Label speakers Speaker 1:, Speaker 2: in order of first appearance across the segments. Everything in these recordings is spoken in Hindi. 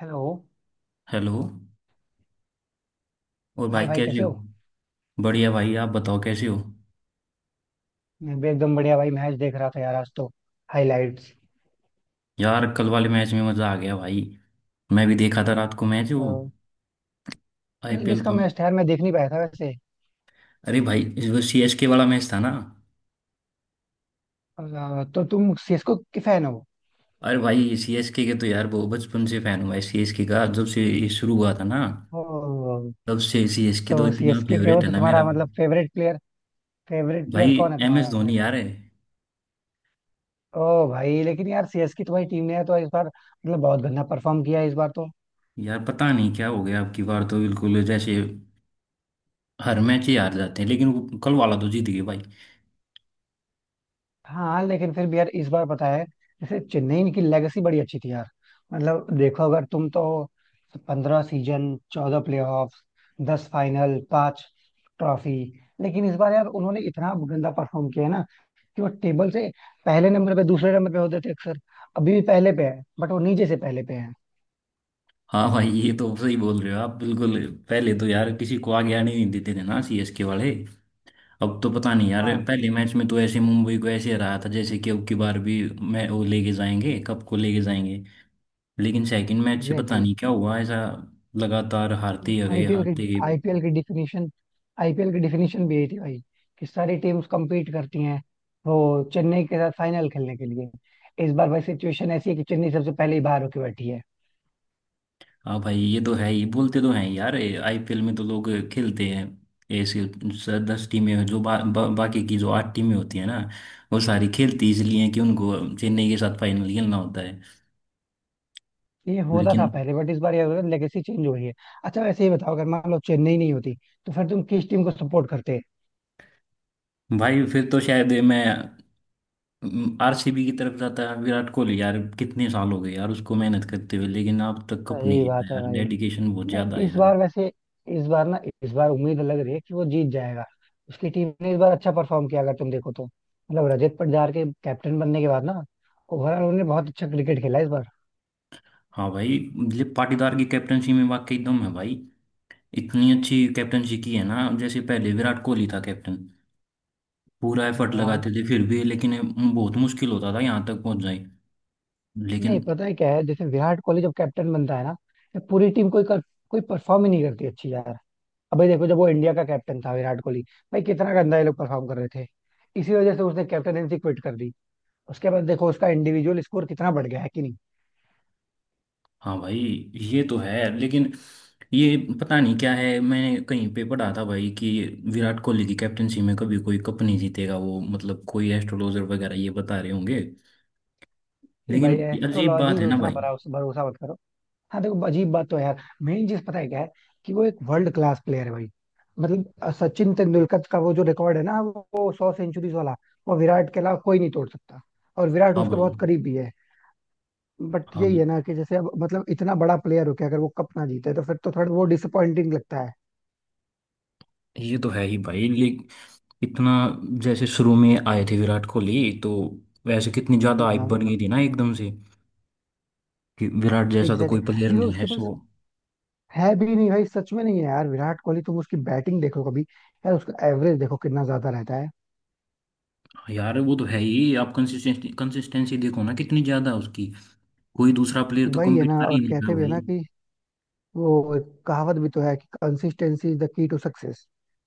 Speaker 1: हेलो.
Speaker 2: हेलो। और भाई
Speaker 1: हाय भाई,
Speaker 2: कैसे
Speaker 1: कैसे हो?
Speaker 2: हो। बढ़िया भाई, आप बताओ कैसे हो।
Speaker 1: मैं भी एकदम बढ़िया भाई. मैच देख रहा था यार, आज तो हाइलाइट्स.
Speaker 2: यार कल वाले मैच में मज़ा आ गया भाई। मैं भी देखा था रात को, मैच वो
Speaker 1: कल
Speaker 2: आईपीएल
Speaker 1: किसका
Speaker 2: का।
Speaker 1: मैच था यार, मैं देख नहीं पाया था वैसे.
Speaker 2: अरे भाई, वो सीएसके वाला मैच था ना।
Speaker 1: तो तुम सीएसके के फैन हो?
Speaker 2: अरे भाई, सीएसके के तो यार बहुत बचपन से फ़ैन हूँ भाई। सीएसके का जब से ये शुरू हुआ था ना,
Speaker 1: ओ,
Speaker 2: तब से सीएसके तो
Speaker 1: तो
Speaker 2: इतना
Speaker 1: सीएसके के हो?
Speaker 2: फेवरेट है
Speaker 1: तो
Speaker 2: ना मेरा।
Speaker 1: तुम्हारा मतलब फेवरेट प्लेयर फेवरेट
Speaker 2: भाई
Speaker 1: प्लेयर कौन है
Speaker 2: एम एस
Speaker 1: तुम्हारा फिर?
Speaker 2: धोनी यार है।
Speaker 1: ओ भाई, लेकिन यार सीएसके तुम्हारी टीम ने यार तो इस बार मतलब बहुत गंदा परफॉर्म किया है इस बार तो.
Speaker 2: यार पता नहीं क्या हो गया, आपकी बार तो बिल्कुल जैसे हर मैच ही हार जाते हैं, लेकिन वो कल वाला तो जीत गए भाई।
Speaker 1: हाँ, लेकिन फिर भी यार इस बार पता है, जैसे चेन्नई की लेगेसी बड़ी अच्छी थी यार. मतलब देखो, अगर तुम तो 15 सीजन, 14 प्लेऑफ्स, 10 फाइनल, 5 ट्रॉफी. लेकिन इस बार यार उन्होंने इतना गंदा परफॉर्म किया है ना, कि वो टेबल से पहले नंबर पे दूसरे नंबर पे होते थे अक्सर. अभी भी पहले पे है बट वो नीचे से पहले पे है.
Speaker 2: हाँ भाई, ये तो सही बोल रहे हो आप बिल्कुल। पहले तो यार किसी को आगे आने नहीं देते थे ना सीएसके वाले। अब तो पता नहीं यार,
Speaker 1: हाँ,
Speaker 2: पहले मैच में तो ऐसे मुंबई को ऐसे रहा था जैसे कि अब की बार भी मैं वो लेके जाएंगे, कप को लेके जाएंगे। लेकिन सेकंड मैच से पता
Speaker 1: एग्जैक्टली.
Speaker 2: नहीं क्या हुआ ऐसा, लगातार हारते ही गए,
Speaker 1: आईपीएल की
Speaker 2: हारते गए।
Speaker 1: आईपीएल की डिफिनीशन आईपीएल की डिफिनीशन भी यही थी भाई, कि सारी टीम्स compete करती हैं वो चेन्नई के साथ फाइनल खेलने के लिए. इस बार भाई सिचुएशन ऐसी है कि चेन्नई सबसे पहले ही बाहर होके बैठी है.
Speaker 2: हाँ भाई, ये तो है ही, बोलते तो हैं यार आईपीएल में तो लोग खेलते हैं ऐसे दस टीमें, जो बा, बा, बाकी की जो 8 टीमें होती है ना, वो सारी खेलती इसलिए हैं कि उनको चेन्नई के साथ फाइनल खेलना होता है।
Speaker 1: ये होता था
Speaker 2: लेकिन
Speaker 1: पहले बट इस बार ये हो रहा है, लेगेसी चेंज हो रही है. अच्छा, वैसे ही बताओ, अगर मान लो चेन्नई नहीं होती तो फिर तुम किस टीम को सपोर्ट करते?
Speaker 2: भाई फिर तो शायद मैं आरसीबी की तरफ जाता है। विराट कोहली यार, कितने साल हो गए यार उसको मेहनत करते हुए, लेकिन अब तक कप नहीं
Speaker 1: सही
Speaker 2: जीता
Speaker 1: बात है
Speaker 2: यार।
Speaker 1: भाई.
Speaker 2: डेडिकेशन बहुत ज्यादा
Speaker 1: नहीं,
Speaker 2: है
Speaker 1: इस
Speaker 2: यार।
Speaker 1: बार वैसे, इस बार ना, इस बार उम्मीद लग रही है कि वो जीत जाएगा. उसकी टीम ने इस बार अच्छा परफॉर्म किया, अगर तुम देखो तो मतलब रजत पाटीदार के कैप्टन बनने के बाद ना, ओवरऑल उन्होंने बहुत अच्छा क्रिकेट खेला इस बार.
Speaker 2: हाँ भाई, ये पाटीदार की कैप्टनसी में वाकई दम है भाई। इतनी अच्छी कैप्टनसी की है ना। जैसे पहले विराट कोहली था कैप्टन, पूरा एफर्ट
Speaker 1: हाँ.
Speaker 2: लगाते थे फिर भी, लेकिन बहुत मुश्किल होता था यहाँ तक पहुंच जाए।
Speaker 1: नहीं,
Speaker 2: लेकिन
Speaker 1: पता है क्या है, जैसे विराट कोहली जब कैप्टन बनता है ना, तो पूरी टीम कोई परफॉर्म ही नहीं करती अच्छी यार. अबे देखो, जब वो इंडिया का कैप्टन था विराट कोहली, भाई कितना गंदा ये लोग परफॉर्म कर रहे थे. इसी वजह से उसने कैप्टनसी क्विट कर दी. उसके बाद देखो, उसका इंडिविजुअल स्कोर कितना बढ़ गया है कि नहीं.
Speaker 2: हाँ भाई, ये तो है लेकिन ये पता नहीं क्या है, मैंने कहीं पे पढ़ा था भाई कि विराट कोहली की कैप्टनसी में कभी कोई कप नहीं जीतेगा वो, मतलब कोई एस्ट्रोलॉजर वगैरह ये बता रहे होंगे।
Speaker 1: नहीं
Speaker 2: लेकिन
Speaker 1: भाई,
Speaker 2: ये अजीब
Speaker 1: एस्ट्रोलॉजी
Speaker 2: बात है
Speaker 1: में
Speaker 2: ना
Speaker 1: उतना
Speaker 2: भाई।
Speaker 1: भरा भरोसा मत करो. हाँ, देखो अजीब बात तो है यार. मेन चीज पता है क्या है, कि वो एक वर्ल्ड क्लास प्लेयर है भाई. मतलब सचिन तेंदुलकर का वो जो रिकॉर्ड है ना, वो 100 सेंचुरीज वाला, वो विराट के अलावा कोई नहीं तोड़ सकता. और विराट
Speaker 2: हाँ
Speaker 1: उसके
Speaker 2: भाई।
Speaker 1: बहुत करीब भी है. बट यही
Speaker 2: हाँ,
Speaker 1: है ना, कि जैसे अब मतलब इतना बड़ा प्लेयर हो के अगर वो कप ना जीते तो फिर तो थोड़ा वो डिसअपॉइंटिंग लगता है.
Speaker 2: ये तो है ही भाई ले, इतना जैसे शुरू में आए थे विराट कोहली, तो वैसे कितनी ज्यादा हाइप
Speaker 1: हाँ,
Speaker 2: बन गई थी ना एकदम से कि विराट जैसा तो
Speaker 1: एग्जैक्टली
Speaker 2: कोई
Speaker 1: exactly.
Speaker 2: प्लेयर
Speaker 1: नहीं भाई,
Speaker 2: नहीं है।
Speaker 1: उसके पास
Speaker 2: सो
Speaker 1: है भी नहीं भाई, सच में नहीं है यार. विराट कोहली, तुम उसकी बैटिंग देखो कभी यार, उसका एवरेज देखो कितना ज्यादा रहता है.
Speaker 2: यार वो तो है ही। आप कंसिस्टेंसी कंसिस्टेंसी देखो ना, कितनी ज्यादा उसकी, कोई दूसरा प्लेयर तो
Speaker 1: वही है
Speaker 2: कम्पीट
Speaker 1: ना.
Speaker 2: कर ही
Speaker 1: और
Speaker 2: नहीं
Speaker 1: कहते
Speaker 2: रहा
Speaker 1: भी है ना
Speaker 2: भाई।
Speaker 1: कि वो एक कहावत भी तो है कि consistency is the key to success.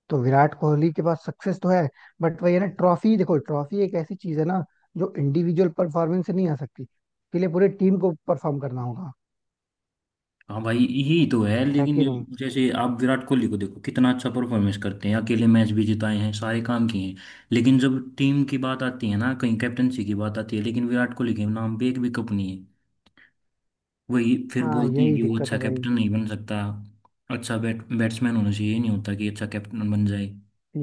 Speaker 1: तो विराट कोहली के पास सक्सेस तो है. बट वही है ना, ट्रॉफी देखो, ट्रॉफी एक ऐसी चीज है ना जो इंडिविजुअल परफॉर्मेंस से नहीं आ सकती. इसके लिए पूरे टीम को परफॉर्म करना होगा,
Speaker 2: हाँ भाई, यही तो है
Speaker 1: है
Speaker 2: लेकिन।
Speaker 1: कि नहीं?
Speaker 2: जैसे आप विराट कोहली को देखो, कितना अच्छा परफॉर्मेंस करते हैं, अकेले मैच भी जिताए हैं, सारे काम किए हैं, लेकिन जब टीम की बात आती है ना, कहीं कैप्टनसी की बात आती है, लेकिन विराट कोहली के नाम पे एक भी कप नहीं है। वही फिर
Speaker 1: हाँ,
Speaker 2: बोलते हैं
Speaker 1: यही
Speaker 2: कि वो
Speaker 1: दिक्कत
Speaker 2: अच्छा
Speaker 1: है भाई.
Speaker 2: कैप्टन नहीं बन सकता। अच्छा बैट्समैन होना चाहिए, ये नहीं होता कि अच्छा कैप्टन बन जाए।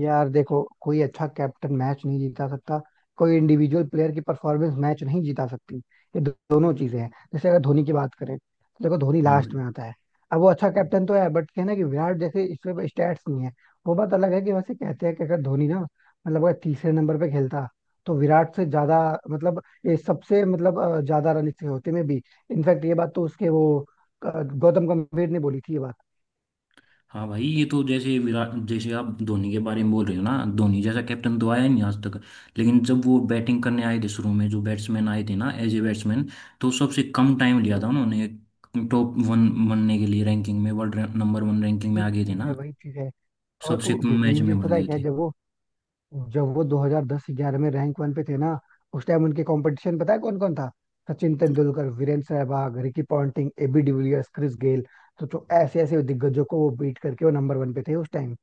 Speaker 1: यार देखो, कोई अच्छा कैप्टन मैच नहीं जीता सकता, कोई इंडिविजुअल प्लेयर की परफॉर्मेंस मैच नहीं जीता सकती, ये दोनों चीजें हैं. जैसे अगर धोनी की बात करें तो देखो धोनी
Speaker 2: हाँ
Speaker 1: लास्ट
Speaker 2: भाई।
Speaker 1: में आता है. अब वो अच्छा कैप्टन तो है बट कहना कि विराट जैसे इसमें स्टैट्स नहीं है, वो बात अलग है. कि वैसे कहते हैं कि अगर धोनी ना, मतलब अगर तीसरे नंबर पे खेलता, तो विराट से ज्यादा, मतलब ये सबसे मतलब ज्यादा रन इसके होते में भी. इनफैक्ट ये बात तो उसके वो, गौतम गंभीर ने बोली थी ये बात.
Speaker 2: हाँ भाई, ये तो जैसे विराट, जैसे आप धोनी के बारे में बोल रहे हो ना, धोनी जैसा कैप्टन तो आया ही नहीं आज तक। लेकिन जब वो बैटिंग करने आए थे शुरू में, जो बैट्समैन आए थे ना, एज ए बैट्समैन, तो सबसे कम टाइम लिया था
Speaker 1: हम्म,
Speaker 2: उन्होंने टॉप वन बनने के लिए। रैंकिंग में वर्ल्ड नंबर वन रैंकिंग में
Speaker 1: वही
Speaker 2: आ गए थे
Speaker 1: चीज है
Speaker 2: ना,
Speaker 1: वही चीज है. और
Speaker 2: सबसे कम मैच
Speaker 1: मेन चीज
Speaker 2: में बन
Speaker 1: पता है
Speaker 2: गए
Speaker 1: क्या है?
Speaker 2: थे।
Speaker 1: जब वो 2010-11 में रैंक वन पे थे ना, उस टाइम उनके कंपटीशन पता है कौन कौन था? Sachin Tendulkar, Virender Sehwag, Ricky Ponting, AB de Villiers, Chris Gayle. तो जो ऐसे ऐसे दिग्गजों को वो बीट करके वो नंबर वन पे थे उस टाइम.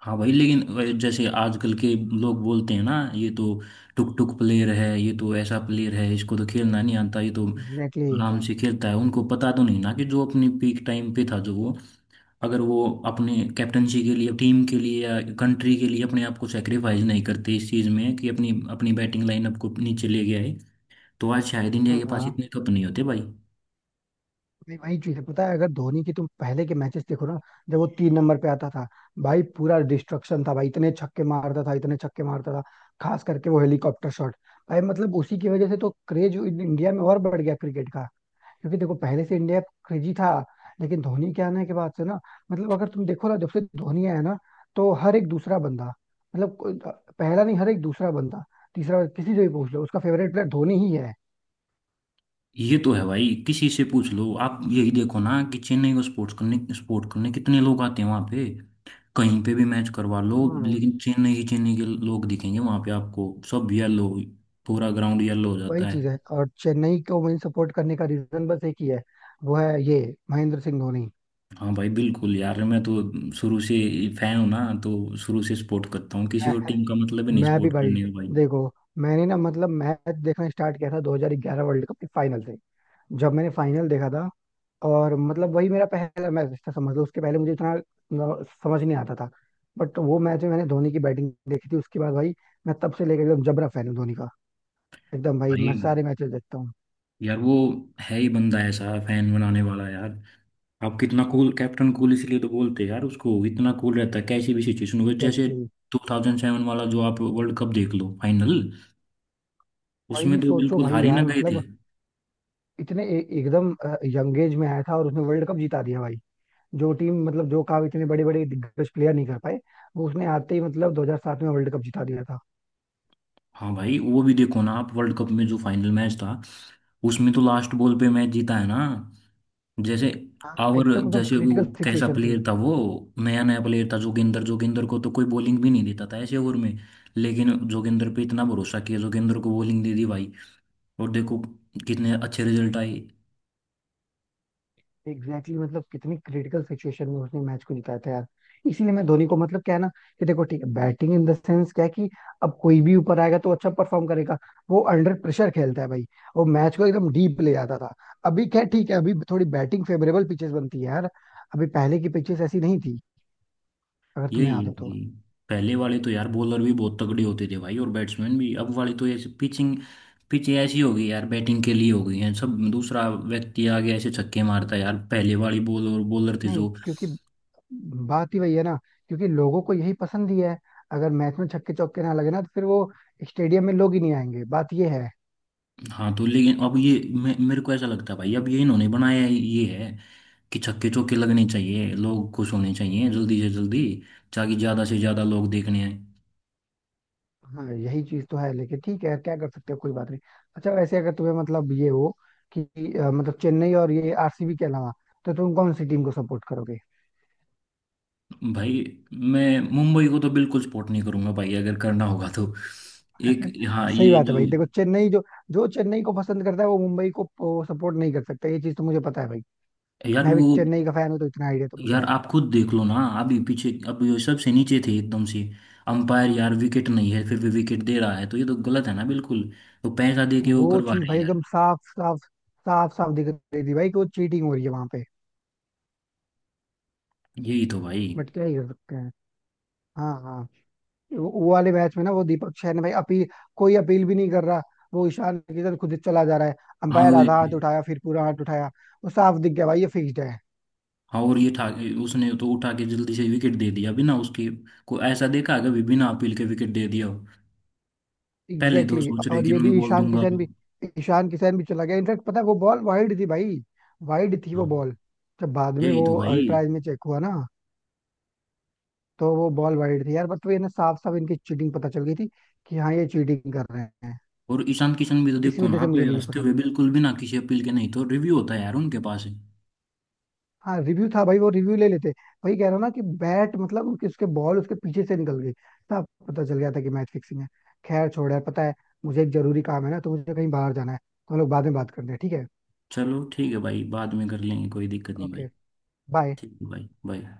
Speaker 2: हाँ भाई लेकिन जैसे आजकल के लोग बोलते हैं ना, ये तो टुक टुक प्लेयर है, ये तो ऐसा प्लेयर है, इसको तो खेलना नहीं आता, ये तो
Speaker 1: एग्जैक्टली exactly.
Speaker 2: आराम से खेलता है। उनको पता तो नहीं ना कि जो अपनी पीक टाइम पे था जो वो, अगर वो अपने कैप्टनसी के लिए, टीम के लिए या कंट्री के लिए अपने आप को सेक्रीफाइस नहीं करते इस चीज़ में कि अपनी अपनी बैटिंग लाइनअप को नीचे ले गया है, तो आज शायद इंडिया
Speaker 1: हाँ,
Speaker 2: के
Speaker 1: हाँ.
Speaker 2: पास इतने कप नहीं होते भाई।
Speaker 1: नहीं, वही चीज है, पता है, अगर धोनी की तुम पहले के मैचेस देखो ना, जब वो 3 नंबर पे आता था, भाई पूरा डिस्ट्रक्शन था भाई, इतने छक्के मारता था इतने छक्के मारता था, खास करके वो हेलीकॉप्टर शॉट. भाई मतलब उसी की वजह से तो क्रेज इंडिया में और बढ़ गया क्रिकेट का. क्योंकि देखो पहले से इंडिया क्रेजी था, लेकिन धोनी के आने के बाद से ना, मतलब अगर तुम देखो ना, जब से धोनी आया ना, तो हर एक दूसरा बंदा, मतलब पहला नहीं, हर एक दूसरा बंदा, तीसरा, किसी से भी पूछ लो, उसका फेवरेट प्लेयर धोनी ही है.
Speaker 2: ये तो है भाई, किसी से पूछ लो आप। यही देखो ना कि चेन्नई को सपोर्ट करने कितने लोग आते हैं वहां पे। कहीं पे भी मैच करवा लो,
Speaker 1: हाँ.
Speaker 2: लेकिन चेन्नई ही चेन्नई के लोग दिखेंगे वहां पे आपको। सब येलो, पूरा ग्राउंड येलो हो
Speaker 1: वही
Speaker 2: जाता
Speaker 1: चीज
Speaker 2: है।
Speaker 1: है, और चेन्नई को मैं सपोर्ट करने का रीजन बस एक ही है. वो है ये, महेंद्र सिंह धोनी.
Speaker 2: हाँ भाई, बिल्कुल यार। मैं तो शुरू से फैन हूँ ना, तो शुरू से सपोर्ट करता हूँ, किसी
Speaker 1: मैं,
Speaker 2: और टीम का मतलब ही नहीं
Speaker 1: मैं भी
Speaker 2: सपोर्ट
Speaker 1: भाई.
Speaker 2: करने का भाई।
Speaker 1: देखो, मैंने ना मतलब मैच देखना स्टार्ट किया था 2011 वर्ल्ड कप के फाइनल से. जब मैंने फाइनल देखा था, और मतलब वही मेरा पहला मैच था समझ लो. उसके पहले मुझे इतना समझ नहीं आता था. बट वो मैच में मैंने धोनी की बैटिंग देखी थी, उसके बाद भाई मैं तब से लेकर एकदम जबरा फैन हूँ धोनी का. एकदम भाई मैं
Speaker 2: भाई
Speaker 1: सारे मैचेस देखता हूँ.
Speaker 2: यार वो है ही बंदा ऐसा फैन बनाने वाला यार। आप कितना कूल, कैप्टन कूल इसलिए तो बोलते हैं यार उसको, इतना कूल रहता है कैसी भी सिचुएशन हो। जैसे
Speaker 1: एग्जैक्टली exactly.
Speaker 2: 2007 वाला जो आप वर्ल्ड कप देख लो फाइनल, उसमें
Speaker 1: भाई
Speaker 2: तो
Speaker 1: सोचो
Speaker 2: बिल्कुल
Speaker 1: भाई
Speaker 2: हार ही ना
Speaker 1: यार,
Speaker 2: गए थे।
Speaker 1: मतलब इतने एकदम यंग एज में आया था और उसने वर्ल्ड कप जिता दिया भाई. जो टीम मतलब जो काम इतने बड़े बड़े दिग्गज प्लेयर नहीं कर पाए, वो उसने आते ही मतलब 2007 में वर्ल्ड कप जिता दिया था.
Speaker 2: हाँ भाई, वो भी देखो ना आप, वर्ल्ड कप में जो फाइनल मैच था, उसमें तो लास्ट बॉल पे मैच जीता है ना, जैसे।
Speaker 1: हाँ
Speaker 2: और
Speaker 1: एकदम एकदम
Speaker 2: जैसे वो
Speaker 1: क्रिटिकल
Speaker 2: कैसा
Speaker 1: सिचुएशन थी.
Speaker 2: प्लेयर था वो, नया नया प्लेयर था जोगिंदर जोगिंदर को तो कोई बॉलिंग भी नहीं देता था ऐसे ओवर में, लेकिन जोगिंदर पे इतना भरोसा किया, जोगिंदर को बॉलिंग दे दी भाई। और देखो कितने अच्छे रिजल्ट आए।
Speaker 1: एग्जैक्टली exactly, मतलब कितनी क्रिटिकल सिचुएशन में उसने मैच को निकाला था यार. इसीलिए मैं धोनी को मतलब क्या है ना, कि देखो ठीक है, बैटिंग इन द सेंस क्या है कि अब कोई भी ऊपर आएगा तो अच्छा परफॉर्म करेगा. वो अंडर प्रेशर खेलता है भाई. वो मैच को एकदम डीप ले जाता था. अभी क्या है, ठीक है अभी थोड़ी बैटिंग फेवरेबल पिचेस बनती है यार. अभी पहले की पिचेस ऐसी नहीं थी अगर तुम्हें
Speaker 2: यही
Speaker 1: याद
Speaker 2: है
Speaker 1: हो तो.
Speaker 2: भाई। पहले वाले तो यार बॉलर भी बहुत तगड़े होते थे भाई, और बैट्समैन भी। अब वाले तो ऐसे पिच ऐसी हो गई यार, बैटिंग के लिए हो गई है सब, दूसरा व्यक्ति आ गया ऐसे छक्के मारता है यार। पहले वाली बॉल और बॉलर थे
Speaker 1: नहीं
Speaker 2: जो।
Speaker 1: क्योंकि बात ही वही है ना, क्योंकि लोगों को यही पसंद ही है. अगर मैच में छक्के चौके ना लगे ना, तो फिर वो स्टेडियम में लोग ही नहीं आएंगे, बात ये है.
Speaker 2: हाँ तो लेकिन अब ये मेरे को ऐसा लगता है भाई, अब ये इन्होंने बनाया है, ये है कि छक्के चौके लगने चाहिए, लोग खुश होने चाहिए जल्दी से जल्दी, ताकि ज्यादा से ज्यादा लोग देखने आए।
Speaker 1: हाँ, यही चीज तो है लेकिन ठीक है, क्या कर सकते हो, कोई बात नहीं. अच्छा, वैसे अगर तुम्हें मतलब ये हो कि मतलब चेन्नई और ये आरसीबी के अलावा, तो तुम कौन सी टीम को सपोर्ट करोगे?
Speaker 2: भाई, मैं मुंबई को तो बिल्कुल सपोर्ट नहीं करूंगा भाई। अगर करना होगा तो एक, हाँ
Speaker 1: सही
Speaker 2: ये
Speaker 1: बात है
Speaker 2: जो,
Speaker 1: भाई. देखो चेन्नई जो, जो चेन्नई को पसंद करता है वो मुंबई को सपोर्ट नहीं कर सकता, ये चीज तो मुझे पता है भाई.
Speaker 2: यार
Speaker 1: मैं भी
Speaker 2: वो।
Speaker 1: चेन्नई का फैन हूँ तो इतना आइडिया तो मुझे
Speaker 2: यार
Speaker 1: है.
Speaker 2: आप खुद देख लो ना, अभी पीछे अब ये सबसे नीचे थे एकदम से। अंपायर यार विकेट नहीं है, फिर भी विकेट दे रहा है, तो ये तो गलत है ना बिल्कुल। तो पैसा दे के वो
Speaker 1: वो
Speaker 2: करवा
Speaker 1: चीज
Speaker 2: रहे
Speaker 1: भाई
Speaker 2: हैं यार।
Speaker 1: एकदम साफ साफ साफ साफ दिख रही थी भाई, कि वो चीटिंग हो रही है वहां पे.
Speaker 2: यही तो भाई।
Speaker 1: बट क्या ही कर सकते हैं. हाँ, हाँ. वो वाले मैच में ना, वो दीपक शहर भाई अपील, कोई अपील भी नहीं कर रहा. वो ईशान किशन खुद ही चला जा रहा है.
Speaker 2: हाँ
Speaker 1: अंपायर
Speaker 2: वो,
Speaker 1: आधा हाथ उठाया फिर पूरा हाथ उठाया. वो साफ दिख गया भाई, ये फिक्स्ड है.
Speaker 2: हाँ और ये ठा उसने तो उठा के जल्दी से विकेट दे दिया बिना उसके को। ऐसा देखा है कभी बिना अपील के विकेट दे दिया हो? पहले
Speaker 1: एग्जैक्टली
Speaker 2: तो सोच
Speaker 1: exactly.
Speaker 2: रहे
Speaker 1: और
Speaker 2: कि
Speaker 1: ये
Speaker 2: मैं
Speaker 1: भी
Speaker 2: बोल
Speaker 1: ईशान
Speaker 2: दूंगा।
Speaker 1: किशन भी, ईशान किशन भी चला गया. इनफैक्ट पता है वो बॉल वाइड थी भाई, वाइड थी वो
Speaker 2: हाँ,
Speaker 1: बॉल. जब बाद में
Speaker 2: यही
Speaker 1: वो
Speaker 2: तो भाई।
Speaker 1: अल्ट्राज में चेक हुआ ना, तो वो बॉल वाइड थी यार. बट वो ये ना, साफ साफ इनकी चीटिंग पता चल गई थी कि हाँ ये चीटिंग कर रहे हैं.
Speaker 2: और ईशान किशन भी तो
Speaker 1: इसी
Speaker 2: देखो
Speaker 1: वजह
Speaker 2: ना
Speaker 1: से
Speaker 2: पे
Speaker 1: मुझे भी नहीं
Speaker 2: हंसते हुए
Speaker 1: पसंद.
Speaker 2: बिल्कुल बिना किसी अपील के। नहीं तो रिव्यू होता है यार उनके पास है।
Speaker 1: हाँ रिव्यू था भाई, वो रिव्यू ले लेते. वही कह रहा हूँ ना, कि बैट मतलब उसके उसके बॉल उसके पीछे से निकल गई. तब पता चल गया था कि मैच फिक्सिंग है. खैर छोड़ यार. पता है, मुझे एक जरूरी काम है ना, तो मुझे कहीं बाहर जाना है, तो हम लोग बाद में बात करते हैं, ठीक है?
Speaker 2: चलो ठीक है भाई, बाद में कर लेंगे कोई दिक्कत नहीं
Speaker 1: ओके,
Speaker 2: भाई।
Speaker 1: बाय.
Speaker 2: ठीक है भाई, बाय।